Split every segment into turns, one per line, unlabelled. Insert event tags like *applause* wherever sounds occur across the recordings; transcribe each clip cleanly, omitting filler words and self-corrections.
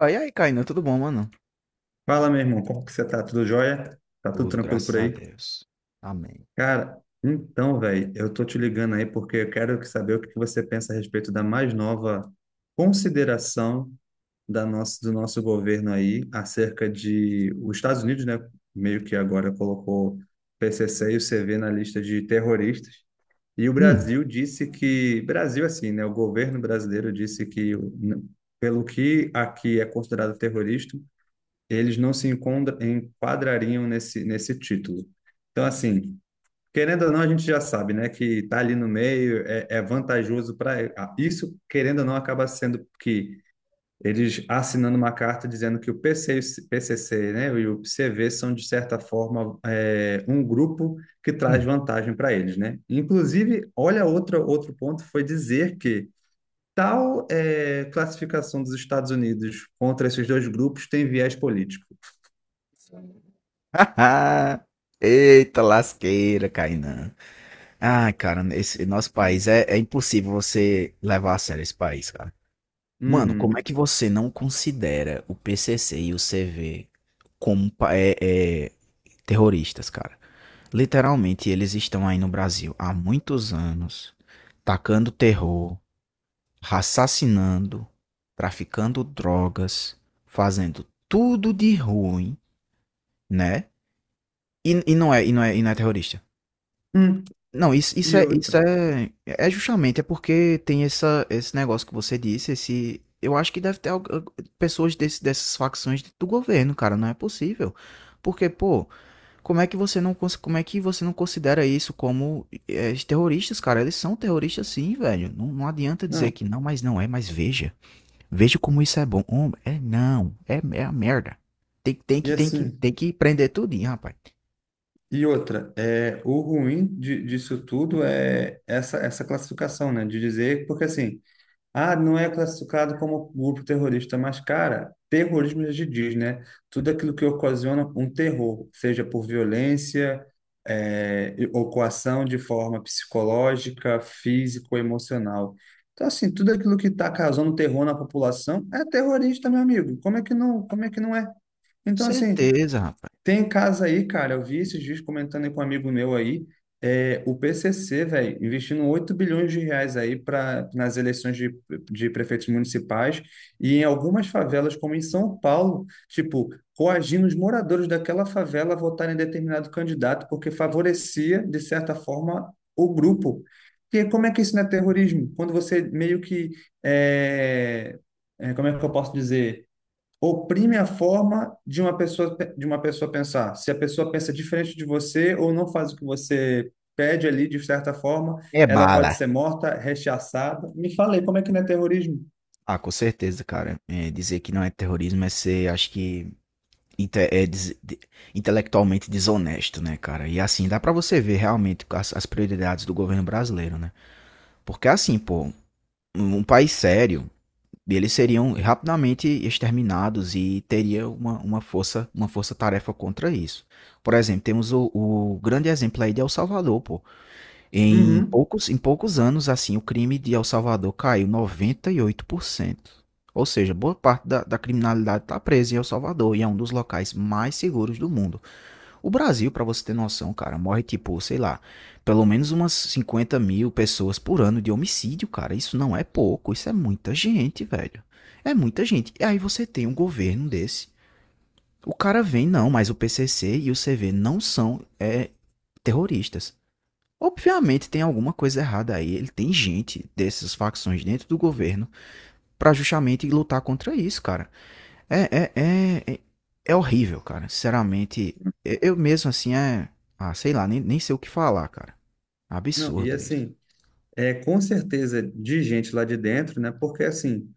Ah, e aí, Kainan, tudo bom, mano?
Fala, meu irmão, como que você tá? Tudo jóia? Tá tudo
Tudo,
tranquilo
graças
por
a
aí?
Deus. Amém.
Cara, então, velho, eu tô te ligando aí porque eu quero saber o que que você pensa a respeito da mais nova consideração do nosso governo aí acerca de os Estados Unidos, né? Meio que agora colocou PCC e o CV na lista de terroristas. E o
Hum,
Brasil disse que, Brasil assim, né? O governo brasileiro disse que, pelo que aqui é considerado terrorista, eles não se enquadrariam nesse título. Então, assim, querendo ou não, a gente já sabe, né, que está ali no meio é vantajoso para isso, querendo ou não, acaba sendo que eles assinando uma carta dizendo que o PCC, né, e o CV são, de certa forma, um grupo que traz
hum.
vantagem para eles, né? Inclusive, olha outro ponto, foi dizer que classificação dos Estados Unidos contra esses dois grupos tem viés político.
*laughs* Eita lasqueira, Kainan. Ai, cara, esse nosso país é impossível você levar a sério esse país, cara. Mano, como é
Uhum.
que você não considera o PCC e o CV como terroristas, cara? Literalmente, eles estão aí no Brasil há muitos anos, tacando terror, assassinando, traficando drogas, fazendo tudo de ruim, né? E não é terrorista.
Hum,
Não,
e outra.
é justamente porque tem esse negócio que você disse, esse, eu acho que deve ter pessoas dessas facções do governo, cara, não é possível. Porque, pô, como é que você não, cons- como é que você não considera isso como terroristas, cara? Eles são terroristas sim, velho. Não, não adianta
Não,
dizer que não, mas não é, mas veja. Veja como isso é bom. É não, é, é a merda.
e assim,
Tem que prender tudinho, rapaz.
e outra, o ruim disso tudo é essa classificação, né? De dizer, porque assim, ah, não é classificado como grupo terrorista, mas, cara, terrorismo já se diz, né? Tudo aquilo que ocasiona um terror, seja por violência, ou coação de forma psicológica, físico, emocional. Então, assim, tudo aquilo que está causando terror na população é terrorista, meu amigo. Como é que não é? Então, assim.
Certeza, rapaz.
Tem casa aí, cara. Eu vi esses dias comentando aí com um amigo meu aí, o PCC, velho, investindo 8 bilhões de reais aí para nas eleições de prefeitos municipais e em algumas favelas, como em São Paulo, tipo, coagindo os moradores daquela favela a votarem em determinado candidato, porque favorecia, de certa forma, o grupo. E como é que isso não é terrorismo? Quando você meio que, é, como é que eu posso dizer, oprime a forma de uma pessoa pensar. Se a pessoa pensa diferente de você ou não faz o que você pede ali de certa forma,
É
ela
bala.
pode ser morta, rechaçada. Me falei, como é que não é terrorismo?
Ah, com certeza, cara. É, dizer que não é terrorismo é ser, acho que, inte- é des- de- intelectualmente desonesto, né, cara? E assim, dá pra você ver realmente as prioridades do governo brasileiro, né? Porque assim, pô, um país sério. E eles seriam rapidamente exterminados e teria uma força, uma força-tarefa contra isso. Por exemplo, temos o grande exemplo aí de El Salvador, pô. Em
Uhum.
poucos, em poucos anos, assim, o crime de El Salvador caiu 98%. Ou seja, boa parte da criminalidade está presa em El Salvador e é um dos locais mais seguros do mundo. O Brasil, pra você ter noção, cara, morre tipo, sei lá, pelo menos umas 50.000 pessoas por ano de homicídio, cara. Isso não é pouco, isso é muita gente, velho. É muita gente. E aí você tem um governo desse. O cara vem, não, mas o PCC e o CV não são terroristas. Obviamente tem alguma coisa errada aí. Ele tem gente dessas facções dentro do governo pra justamente lutar contra isso, cara. É, é, é, é, é horrível, cara. Sinceramente, eu mesmo assim é. Ah, sei lá, nem sei o que falar, cara.
Não, e
Absurdo isso.
assim, é com certeza de gente lá de dentro, né? Porque assim,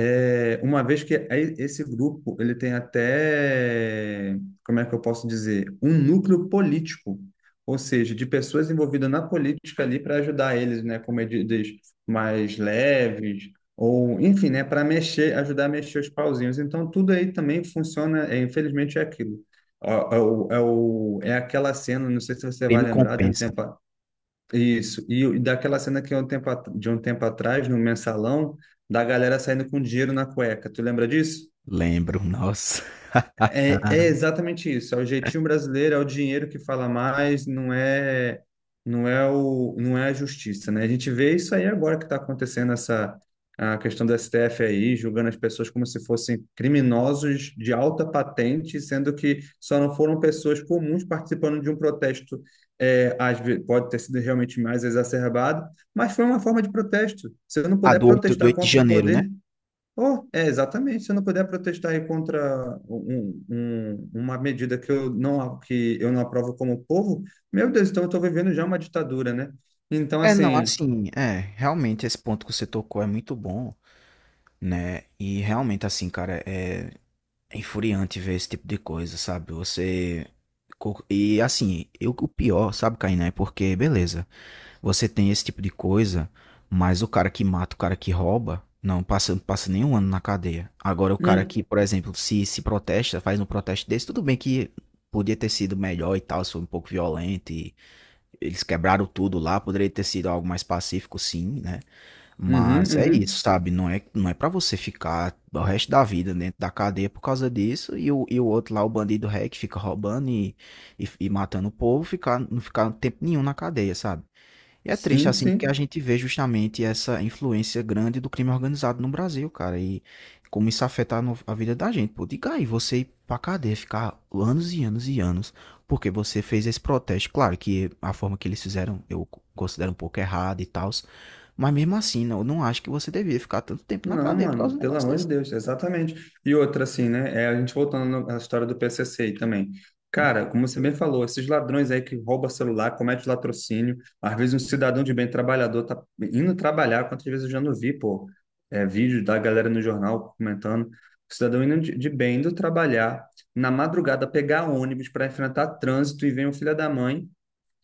Uma vez que aí esse grupo ele tem até, como é que eu posso dizer, um núcleo político, ou seja, de pessoas envolvidas na política ali para ajudar eles, né, com medidas mais leves ou, enfim, né, para mexer, ajudar a mexer os pauzinhos. Então tudo aí também funciona, é, infelizmente é aquilo. É aquela cena, não sei se você
Quem
vai
me
lembrar de um
compensa.
tempo, isso, e daquela cena que é de um tempo atrás, no mensalão, da galera saindo com dinheiro na cueca. Tu lembra disso?
Lembro, nossa.
É, é exatamente isso. É o jeitinho brasileiro, é o dinheiro que fala mais, não é a justiça, né? A gente vê isso aí agora que está acontecendo essa a questão do STF aí, julgando as pessoas como se fossem criminosos de alta patente, sendo que só não foram pessoas comuns participando de um protesto. É, pode ter sido realmente mais exacerbado, mas foi uma forma de protesto. Se eu não
Ah,
puder
do
protestar
oito de
contra o
janeiro, né?
poder. Oh, é, exatamente. Se eu não puder protestar aí contra uma medida que eu não aprovo como povo, meu Deus, então eu estou vivendo já uma ditadura, né? Então,
É, não,
assim.
assim, é, realmente esse ponto que você tocou é muito bom, né? E realmente, assim, cara, é é infuriante ver esse tipo de coisa, sabe? Você. E assim, eu, o pior, sabe, Kainé? Porque, beleza, você tem esse tipo de coisa, mas o cara que mata, o cara que rouba, não passa nem um ano na cadeia. Agora, o cara que,
Hum,
por exemplo, se protesta, faz um protesto desse, tudo bem que podia ter sido melhor e tal, se foi um pouco violento e eles quebraram tudo lá, poderia ter sido algo mais pacífico, sim, né?
uhum,
Mas é isso,
uhum,
sabe? Não é para você ficar o resto da vida dentro da cadeia por causa disso e o outro lá, o bandido ré, que fica roubando e matando o povo, ficar, não ficar tempo nenhum na cadeia, sabe? E é triste,
sim,
assim, porque a
sim.
gente vê justamente essa influência grande do crime organizado no Brasil, cara, e como isso afeta no- a vida da gente. Pô, diga aí, você ir pra cadeia, ficar anos, porque você fez esse protesto. Claro que a forma que eles fizeram eu considero um pouco errada e tal, mas mesmo assim, eu não acho que você devia ficar tanto tempo na
Não,
cadeia por causa de
mano,
um
pelo
negócio
amor de
desse.
Deus, exatamente. E outra, assim, né? É a gente voltando à história do PCC aí também.
Hum,
Cara, como você bem falou, esses ladrões aí que roubam celular, comete latrocínio, às vezes um cidadão de bem trabalhador tá indo trabalhar, quantas vezes eu já não vi, pô, vídeo da galera no jornal comentando, cidadão indo de bem, indo trabalhar, na madrugada pegar ônibus para enfrentar trânsito e vem o filho da mãe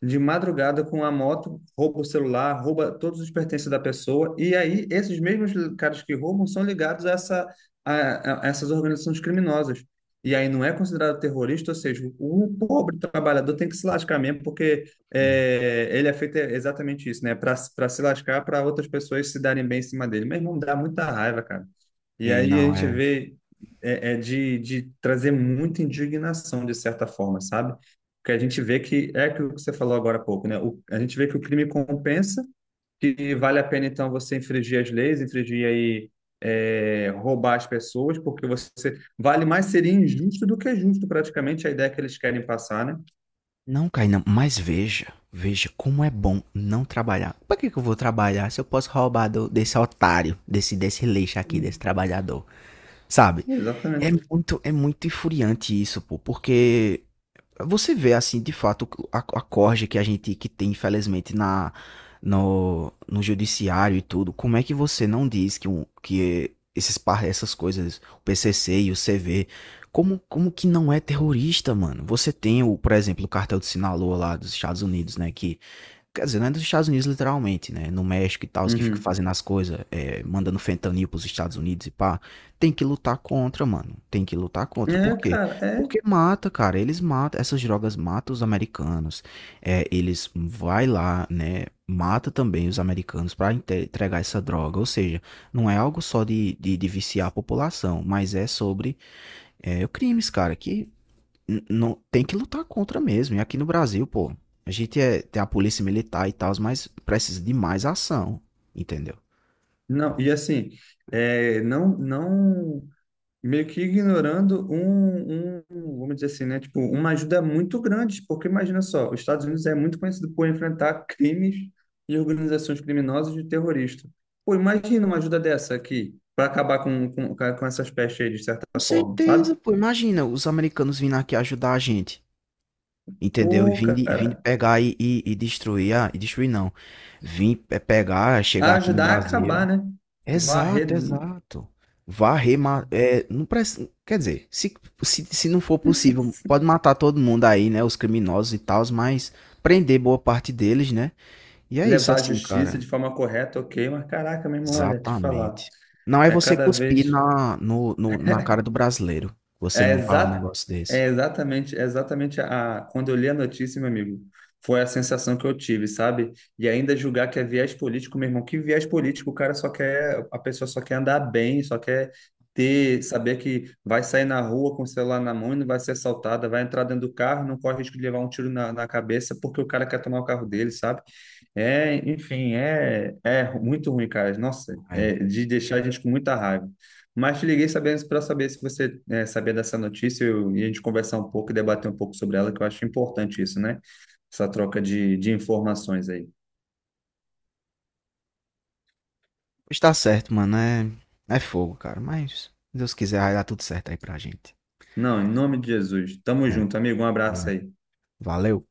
de madrugada com a moto, rouba o celular, rouba todos os pertences da pessoa, e aí esses mesmos caras que roubam são ligados a essas organizações criminosas. E aí não é considerado terrorista, ou seja, o pobre trabalhador tem que se lascar mesmo, porque
hum.
ele é feito exatamente isso, né? Para se lascar, para outras pessoas se darem bem em cima dele. Meu não dá muita raiva, cara. E
Ei,
aí a
não,
gente
é.
vê é de trazer muita indignação, de certa forma, sabe? Porque a gente vê que é aquilo que você falou agora há pouco, né? A gente vê que o crime compensa, que vale a pena então você infringir as leis, infringir aí, roubar as pessoas, porque você vale mais seria injusto do que justo, praticamente, a ideia que eles querem passar, né?
Não, Kainan, mas veja como é bom não trabalhar. Pra que que eu vou trabalhar se eu posso roubar desse desse lixo aqui, desse trabalhador, sabe? É
Exatamente.
muito, é muito infuriante isso, pô, porque você vê, assim, de fato, a corja que a gente que tem, infelizmente, na, no, no judiciário e tudo. Como é que você não diz que, um, que essas coisas, o PCC e o CV, como que não é terrorista, mano? Você tem, o, por exemplo, o cartel de Sinaloa lá dos Estados Unidos, né? Quer dizer, não é dos Estados Unidos literalmente, né? No México e tal, os que ficam
Uhum.
fazendo as coisas, é, mandando fentanil pros Estados Unidos e pá. Tem que lutar contra, mano. Tem que lutar contra.
É,
Por quê?
cara, é.
Porque mata, cara. Eles matam, essas drogas matam os americanos. É, eles vai lá, né? Mata também os americanos pra entregar essa droga. Ou seja, não é algo só de, de viciar a população, mas é sobre é, crimes, cara, que não, tem que lutar contra mesmo. E aqui no Brasil, pô, a gente é, tem a polícia militar e tal, mas precisa de mais ação, entendeu?
Não, e assim, não, não meio que ignorando vamos dizer assim, né? Tipo, uma ajuda muito grande, porque imagina só, os Estados Unidos é muito conhecido por enfrentar crimes e organizações criminosas de terrorista. Pô, imagina uma ajuda dessa aqui para acabar com essas pestes aí, de
Com
certa forma,
certeza,
sabe?
pô. Imagina os americanos vindo aqui ajudar a gente, entendeu? E
Pô,
vindo
cara,
pegar e destruir, ah, e destruir não. Pegar, chegar aqui no
ajudar a acabar,
Brasil.
né?
Exato,
Varrer,
exato. Varrer, não precisa quer dizer, se não for
*laughs*
possível, pode matar todo mundo aí, né? Os criminosos e tal, mas prender boa parte deles, né? E é isso
levar a
assim,
justiça
cara.
de forma correta, ok, mas caraca, meu irmão, olha, te falar,
Exatamente. Não é
é
você
cada
cuspir
vez.
na no no na cara do brasileiro, você
É,
não falar um
exa
negócio desse.
é exatamente a, quando eu li a notícia, meu amigo, foi a sensação que eu tive, sabe? E ainda julgar que é viés político, meu irmão, que viés político, o cara só quer, a pessoa só quer andar bem, só quer saber que vai sair na rua com o celular na mão e não vai ser assaltada, vai entrar dentro do carro, não corre risco de levar um tiro na cabeça porque o cara quer tomar o carro dele, sabe? É, enfim, é muito ruim, cara. Nossa,
É.
é de deixar a gente com muita raiva. Mas te liguei sabendo para saber se você sabia dessa notícia e a gente conversar um pouco e debater um pouco sobre ela, que eu acho importante isso, né? Essa troca de informações aí.
Está certo, mano, é fogo, cara, mas se Deus quiser vai dar tudo certo aí pra gente.
Não, em nome de Jesus. Tamo
É,
junto, amigo. Um abraço
amém.
aí.
Valeu.